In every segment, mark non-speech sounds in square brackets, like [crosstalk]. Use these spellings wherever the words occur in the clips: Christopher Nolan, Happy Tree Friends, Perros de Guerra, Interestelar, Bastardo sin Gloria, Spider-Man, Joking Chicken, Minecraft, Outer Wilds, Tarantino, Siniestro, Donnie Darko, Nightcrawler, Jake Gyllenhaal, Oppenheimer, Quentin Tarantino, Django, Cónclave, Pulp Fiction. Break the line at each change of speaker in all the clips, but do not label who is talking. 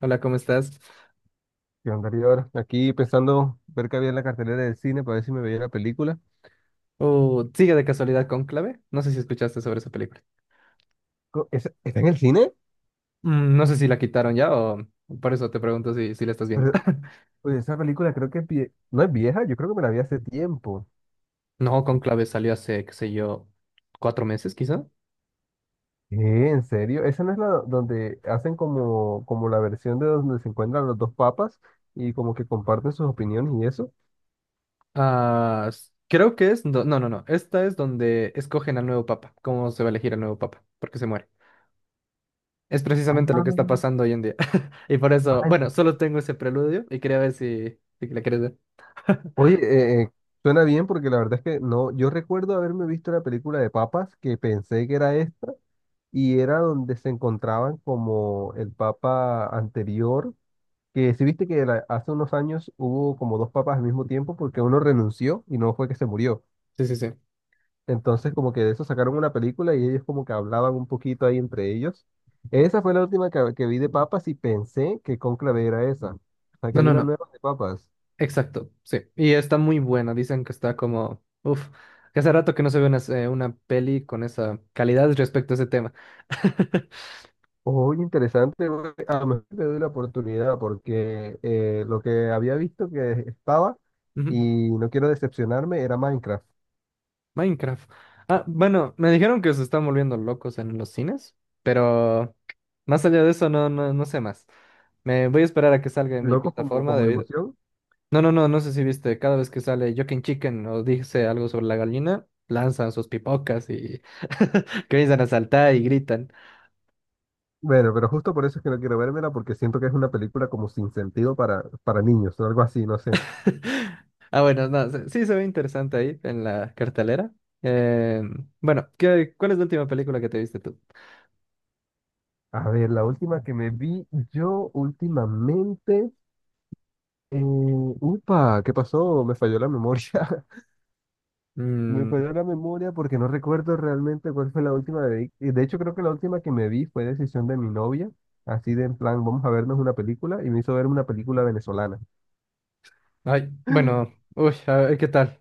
Hola, ¿cómo estás?
Yo andaría ahora aquí pensando ver qué había en la cartelera del cine para ver si me veía la película.
Oh, ¿sigue de casualidad Cónclave? No sé si escuchaste sobre esa película.
¿Está en el cine?
Mm, no sé si la quitaron ya o por eso te pregunto si la estás viendo.
Pero
[laughs]
oye, esa película creo que no es vieja, yo creo que me la vi hace tiempo.
No, Cónclave salió hace, qué sé yo, cuatro meses quizá.
¿Qué? ¿En serio? ¿Esa no es la donde hacen como la versión de donde se encuentran los dos papas y como que comparten sus opiniones y eso?
Ah, creo que es... No, no, no, no. Esta es donde escogen al nuevo papa, cómo se va a elegir al nuevo papa, porque se muere. Es precisamente lo
Ah,
que está pasando hoy en día. [laughs] Y por
Ah,
eso, bueno,
ent-
solo tengo ese preludio y quería ver si la quieres ver.
oye, suena bien porque la verdad es que no, yo recuerdo haberme visto la película de papas que pensé que era esta. Y era donde se encontraban como el papa anterior, que si viste que hace unos años hubo como dos papas al mismo tiempo porque uno renunció y no fue que se murió.
Sí, sí, sí.
Entonces como que de eso sacaron una película y ellos como que hablaban un poquito ahí entre ellos. Esa fue la última que vi de papas y pensé que Cónclave era esa. O sea que
No,
hay
no,
una
no.
nueva de papas.
Exacto, sí. Y está muy buena. Dicen que está como, uff, que hace rato que no se ve una peli con esa calidad respecto a ese tema. [laughs]
Oye, interesante, güey. A lo mejor le doy la oportunidad porque lo que había visto que estaba
Ujú.
y no quiero decepcionarme era Minecraft.
Minecraft. Ah, bueno, me dijeron que se están volviendo locos en los cines, pero más allá de eso no, no, no sé más. Me voy a esperar a que salga en mi
Locos como,
plataforma
como
de
de
video.
emoción.
No, no, no, no sé si viste, cada vez que sale Joking Chicken o dice algo sobre la gallina, lanzan sus pipocas y [laughs] comienzan a saltar y gritan.
Bueno, pero justo por eso es que no quiero vérmela, porque siento que es una película como sin sentido para, niños o algo así, no sé.
[laughs] Ah, bueno, no, sí se ve interesante ahí en la cartelera. Eh, bueno, ¿qué, cuál es la última película que te viste tú?
A ver, la última que me vi yo últimamente. Upa, ¿qué pasó? Me falló la memoria. [laughs] Me
Mm,
falló la memoria porque no recuerdo realmente cuál fue la última. Y de hecho, creo que la última que me vi fue decisión de mi novia. Así de en plan, vamos a vernos una película. Y me hizo ver una película venezolana.
ay, bueno, uy, a ver, ¿qué tal?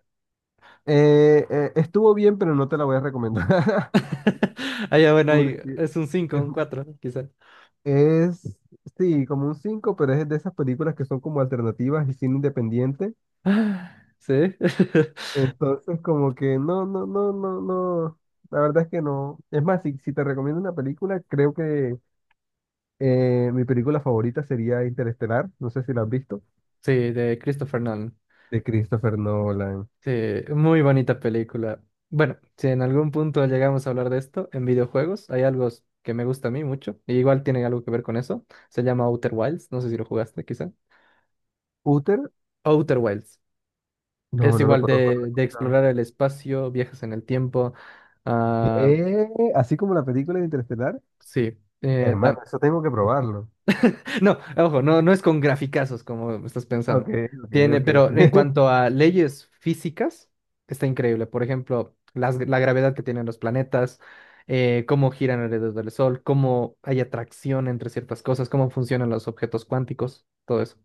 Estuvo bien, pero no te la voy a recomendar.
[laughs] Ah, ya,
[laughs]
bueno, ahí
Porque.
es un 5,
es,
un 4, quizá. [gasps]
Es, sí, como un 5 pero es de esas películas que son como alternativas y cine independiente.
Ah, sí, [laughs]
Entonces, como que no, no, no, no, no. La verdad es que no. Es más, si te recomiendo una película, creo que mi película favorita sería Interestelar. No sé si la has visto.
sí, de Christopher Nolan.
De Christopher Nolan.
Sí, muy bonita película. Bueno, si en algún punto llegamos a hablar de esto, en videojuegos hay algo que me gusta a mí mucho, y igual tiene algo que ver con eso. Se llama Outer Wilds, no sé si lo jugaste, quizá.
Uther,
Outer Wilds.
no,
Es
no lo
igual
conozco, no lo he
de
escuchado.
explorar el espacio, viajes en el tiempo. Ah,
Eh, Así como la película de Interestelar,
sí.
hermano, eso tengo que probarlo.
[laughs] No, ojo, no, no es con graficazos como estás
Ok,
pensando.
ok,
Tiene,
ok.
pero en
[laughs]
cuanto a leyes físicas, está increíble. Por ejemplo, la gravedad que tienen los planetas, cómo giran alrededor del Sol, cómo hay atracción entre ciertas cosas, cómo funcionan los objetos cuánticos, todo eso.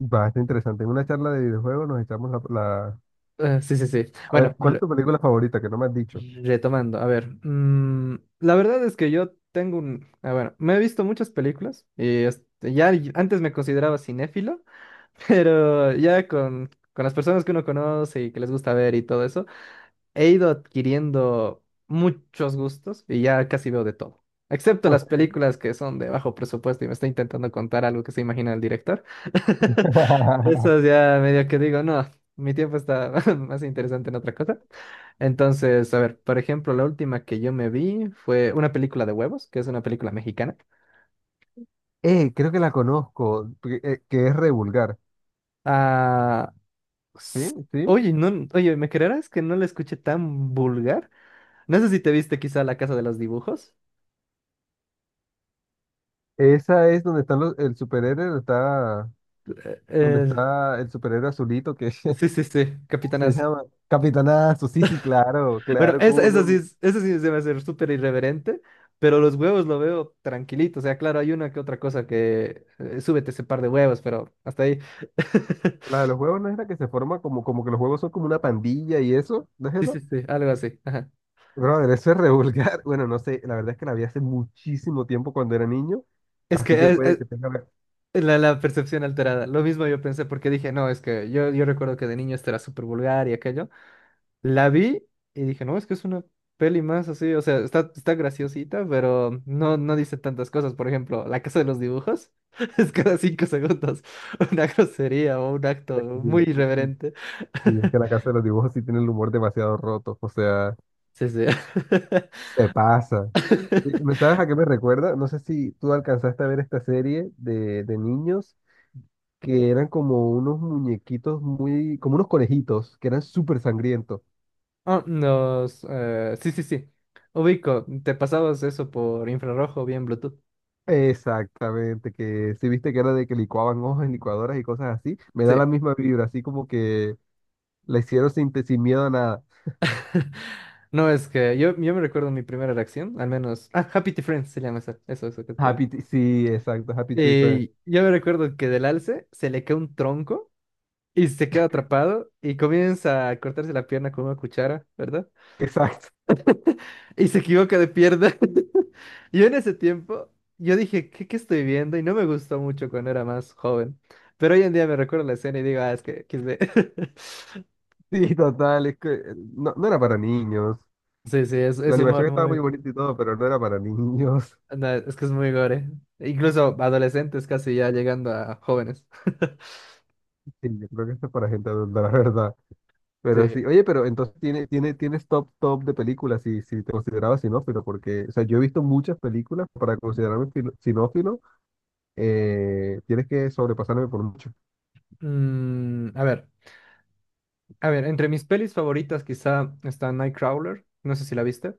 Bastante interesante. En una charla de videojuegos nos echamos la.
Sí, sí, sí.
A ver,
Bueno,
¿cuál es tu película favorita que no me has dicho?
retomando, a ver, mm, la verdad es que yo tengo un, ah, bueno, me he visto muchas películas y este, ya antes me consideraba cinéfilo, [laughs] pero ya con las personas que uno conoce y que les gusta ver y todo eso, he ido adquiriendo muchos gustos y ya casi veo de todo, excepto
Ok.
las películas que son de bajo presupuesto y me está intentando contar algo que se imagina el director. [laughs]
[laughs]
Eso es ya medio que digo, no, mi tiempo está [laughs] más interesante en otra cosa. Entonces, a ver, por ejemplo, la última que yo me vi fue una película de huevos, que es una película mexicana.
Creo que la conozco, porque, que es re vulgar.
Ah,
¿Sí?
s-
¿Sí?
oye, no, oye, ¿me creerás que no la escuché tan vulgar? No sé si te viste quizá La Casa de los Dibujos.
Esa es donde están el superhéroe, donde está, donde
Eh,
está el superhéroe azulito que, [laughs]
sí, sí, sí,
¿cómo
Capitana.
se llama? Capitanazo, sí, sí, claro,
Bueno,
claro,
eso,
cómo
eso sí,
no.
eso sí se me hace súper irreverente, pero los huevos lo veo tranquilito. O sea, claro, hay una que otra cosa que súbete ese par de huevos, pero hasta ahí.
La de
[laughs]
los juegos no es la que se forma como que los juegos son como una pandilla y eso, ¿no es
Sí,
esa?
sí, sí, algo así. Ajá.
Brother, eso es re vulgar. [laughs] Bueno, no sé, la verdad es que la vi hace muchísimo tiempo cuando era niño,
Es que
así que puede que tenga.
la, la percepción alterada. Lo mismo yo pensé porque dije, no, es que yo recuerdo que de niño esto era súper vulgar y aquello. La vi y dije, no, es que es una peli más así, o sea, está, está graciosita, pero no, no dice tantas cosas. Por ejemplo, La Casa de los Dibujos [laughs] es cada cinco segundos [laughs] una grosería o un acto muy irreverente.
Y es
[laughs]
que la Casa de los Dibujos sí tiene el humor demasiado roto, o sea,
Sí, sí.
se pasa. Y, ¿me
[laughs]
sabes a qué me recuerda? No sé si tú alcanzaste a ver esta serie de niños que eran como unos muñequitos muy, como unos conejitos, que eran súper sangrientos.
Ah, sí, sí, sí. Ubico, te pasabas eso por infrarrojo o bien Bluetooth.
Exactamente, que si viste que era de que licuaban hojas en licuadoras y cosas así, me da
Sí.
la misma vibra, así como que la hicieron sin, sin miedo a nada.
No, es que yo me recuerdo mi primera reacción, al menos. Ah, Happy Tree Friends se llama esa. Eso que estás.
Sí, exacto, Happy Tree Friends.
Y yo me recuerdo que del alce se le cae un tronco y se queda atrapado y comienza a cortarse la pierna con una cuchara, ¿verdad?
Exacto. [laughs]
Y se equivoca de pierna. [laughs] Yo en ese tiempo, yo dije, ¿qué, qué estoy viendo? Y no me gustó mucho cuando era más joven. Pero hoy en día me recuerdo la escena y digo, ah, es que quise... [laughs]
Sí, total, es que no, no era para niños.
Sí, sí,
La
es humor
animación estaba
muy...
muy bonita y todo, pero no era para niños. [laughs]
No, es que es muy gore. Incluso adolescentes casi ya llegando a jóvenes. [laughs]
Sí, yo creo que esto es para gente adulta, la verdad. Pero
Sí.
sí, oye, pero entonces tienes top, top de películas si te considerabas sinófilo, porque, o sea, yo he visto muchas películas para considerarme sinófilo, tienes que sobrepasarme por mucho.
Mm, a ver. A ver, entre mis pelis favoritas quizá está Nightcrawler, no sé si la viste.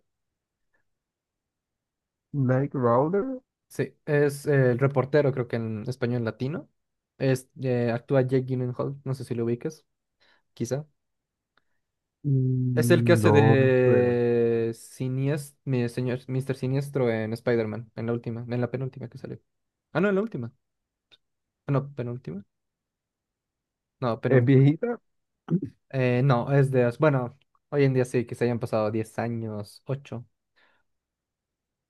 Nightcrawler,
Sí, es el reportero, creo que en español latino. Es, actúa Jake Gyllenhaal, no sé si lo ubicas, quizá. Es el que hace
no me suena.
de Siniestro, mi señor, Mr. Siniestro en Spider-Man, en la última, en la penúltima que salió. Ah, no, en la última. Ah, no, penúltima. No,
¿Es
penúltima.
viejita?
No, es de... Bueno, hoy en día sí, que se hayan pasado 10 años, 8.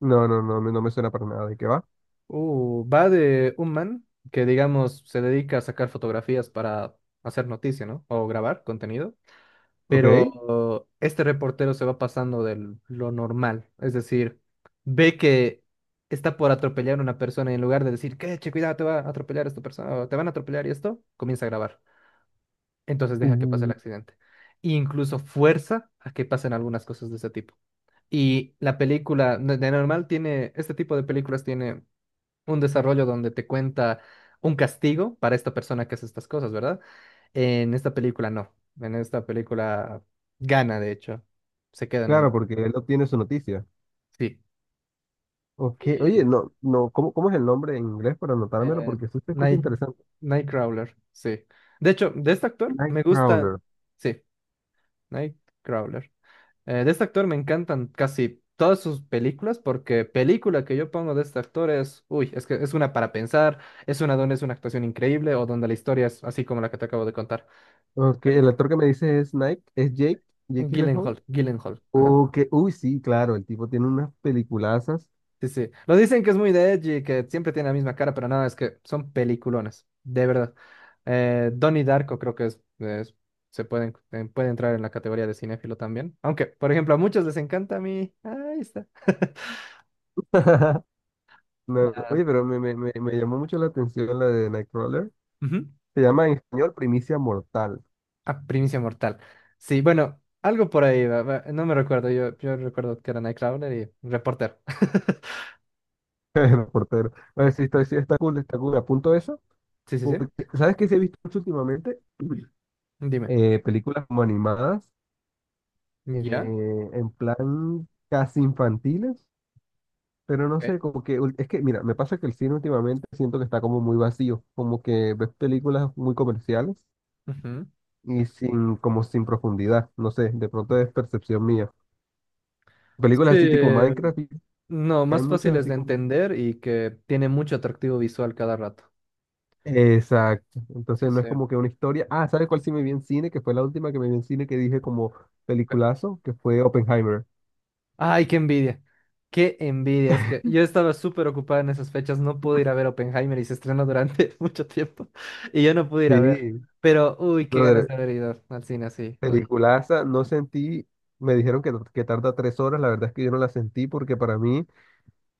No, no, no, no me suena para nada. ¿De qué va?
Va de un man que, digamos, se dedica a sacar fotografías para hacer noticia, ¿no? O grabar contenido.
Ok.
Pero este reportero se va pasando de lo normal. Es decir, ve que está por atropellar a una persona y en lugar de decir, que che, cuidado, te va a atropellar esta persona o te van a atropellar y esto, comienza a grabar. Entonces deja que pase el
Uh,
accidente. E incluso fuerza a que pasen algunas cosas de ese tipo. Y la película, de normal, tiene, este tipo de películas tiene un desarrollo donde te cuenta un castigo para esta persona que hace estas cosas, ¿verdad? En esta película no. En esta película gana, de hecho. Se queda en
claro,
un...
porque él obtiene su noticia.
Sí.
Ok, oye,
Sí.
no, no, ¿cómo es el nombre en inglés para anotármelo?
Eh,
Porque eso se escucha
Night...
interesante.
Nightcrawler, sí. De hecho, de este actor me gusta...
Nightcrawler.
Sí, Nightcrawler. De este actor me encantan casi todas sus películas porque película que yo pongo de este actor es... Uy, es que es una para pensar, es una donde es una actuación increíble o donde la historia es así como la que te acabo de contar. Es
Ok, el
buenísimo.
actor que me dice es Jake Gyllenhaal.
Gyllenhaal, Gyllenhaal, ajá.
Ok, uy, sí, claro, el tipo tiene unas peliculazas.
Sí, sí. Lo dicen que es muy de edgy, que siempre tiene la misma cara, pero nada, es que son peliculones, de verdad. Donnie Darko creo que se pueden, puede entrar en la categoría de cinéfilo también. Aunque, por ejemplo, a muchos les encanta a mí. Ahí está. [laughs]
[laughs] No, no,
Ah,
oye, pero me llamó mucho la atención la de Nightcrawler.
ujú.
Se llama en español Primicia Mortal.
Ah, Primicia Mortal. Sí, bueno, algo por ahí, va, va, no me recuerdo, yo recuerdo que era Nightcrawler y Reporter. [laughs]
[laughs] El portero. Oye, sí, está cool, está cool. Apunto eso.
Sí, sí, sí.
Porque, ¿sabes qué se he visto mucho últimamente?
Dime.
Películas como animadas,
¿Ya?
en plan casi infantiles. Pero no
Ok,
sé, como que es que, mira, me pasa que el cine últimamente siento que está como muy vacío, como que ves películas muy comerciales
ujú.
y sin, como sin profundidad, no sé, de pronto es percepción mía.
Sí,
Películas así tipo Minecraft, y
no,
hay
más
muchas
fáciles
así
de
como.
entender y que tiene mucho atractivo visual cada rato.
Exacto,
Sí,
entonces no
sí.
es como que una historia. Ah, ¿sabes cuál sí me vi en cine? Que fue la última que me vi en cine que dije como
Ok.
peliculazo, que fue Oppenheimer.
Ay, qué envidia. Qué envidia. Es que yo estaba súper ocupada en esas fechas. No pude ir a ver Oppenheimer y se estrenó durante [laughs] mucho tiempo. Y yo no pude ir a ver.
Sí,
Pero, uy, qué ganas
brother,
de haber ido al cine así. Uy.
peliculaza, no sentí, me dijeron que tarda 3 horas, la verdad es que yo no la sentí porque para mí.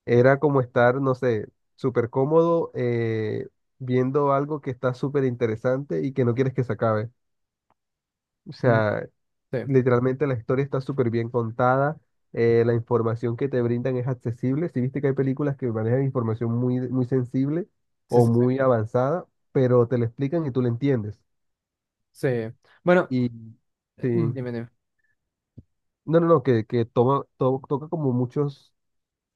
Era como estar, no sé, súper cómodo viendo algo que está súper interesante y que no quieres que se acabe. O
Mm,
sea,
sí,
literalmente la historia está súper bien contada, la información que te brindan es accesible. Si viste que hay películas que manejan información muy, muy sensible
sí,
o
sí, sí.
muy avanzada, pero te la explican y tú la entiendes.
Sí. Bueno,
Y sí,
dime, dime.
no, no, no, que toca como muchos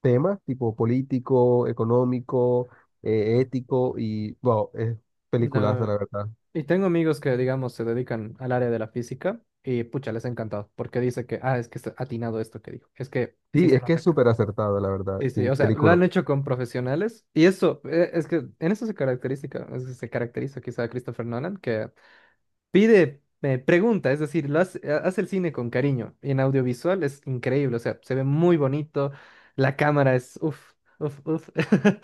temas tipo político, económico,
Mm.
ético y, wow, es peliculaza,
No.
la verdad.
Y tengo amigos que, digamos, se dedican al área de la física y pucha, les ha encantado porque dice que, ah, es que está atinado esto que dijo. Es que sí
Sí,
se
es que
nota
es
acá.
súper acertado, la verdad.
Sí, sí,
Sí,
o sea, lo
película.
han hecho con profesionales y eso, es que en eso se caracteriza, es que se caracteriza quizá Christopher Nolan, que pide, pregunta, es decir, lo hace, hace el cine con cariño y en audiovisual es increíble, o sea, se ve muy bonito, la cámara es, uff, uff, uff. [laughs]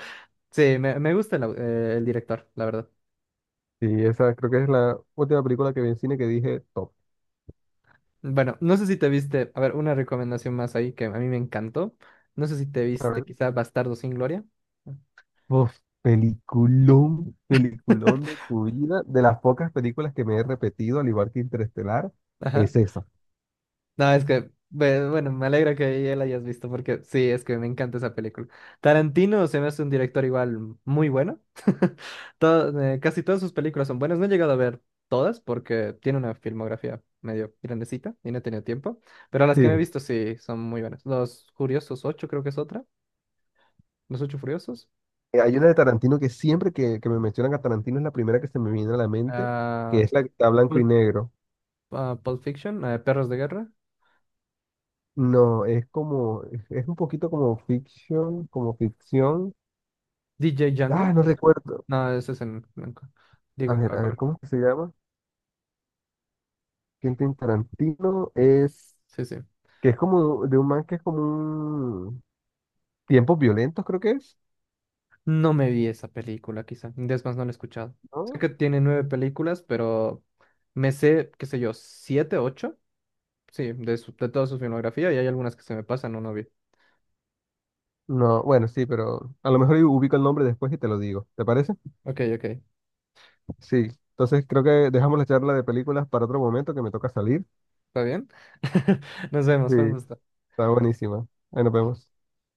Sí, me gusta el, el director, la verdad.
Sí, esa creo que es la última película que vi en cine que dije top.
Bueno, no sé si te viste, a ver, una recomendación más ahí que a mí me encantó. No sé si te
A
viste
ver.
quizá Bastardo sin Gloria.
Uf, peliculón, peliculón de
[laughs]
tu vida. De las pocas películas que me he repetido, al igual que Interestelar,
Ajá.
es esa.
No, es que, bueno, me alegra que ya la hayas visto porque sí, es que me encanta esa película. Tarantino se me hace un director igual muy bueno. [laughs] Casi todas sus películas son buenas. No he llegado a ver todas porque tiene una filmografía medio grandecita y no he tenido tiempo. Pero las que me he
Sí.
visto sí son muy buenas. Los Furiosos 8 creo que es otra. Los Ocho Furiosos.
Hay una de Tarantino que siempre que me mencionan a Tarantino es la primera que se me viene a la mente, que
Ah,
es la que está blanco y
Pulp
negro.
ah, Pulp Fiction, Perros de Guerra,
No, es como, es un poquito como fiction, como ficción.
DJ
Ah,
Django.
no
Quizá.
recuerdo.
No, ese es en blanco. Digo, en a
A ver,
color.
¿cómo es que se llama? Quentin Tarantino es,
Sí, sí.
que es como de un man que es como un tiempos violentos, creo que es,
No me vi esa película, quizá. Es más, no la he escuchado. Sé
¿no?
que tiene nueve películas, pero me sé, qué sé yo, siete, ocho. Sí, de, de toda su filmografía y hay algunas que se me pasan o no vi.
No, bueno, sí, pero a lo mejor yo ubico el nombre después y te lo digo. ¿Te parece?
Ok, ok.
Sí. Entonces creo que dejamos la charla de películas para otro momento que me toca salir.
¿Está bien? [laughs] Nos vemos,
Sí,
fue un gusto.
está buenísima. Ahí nos vemos.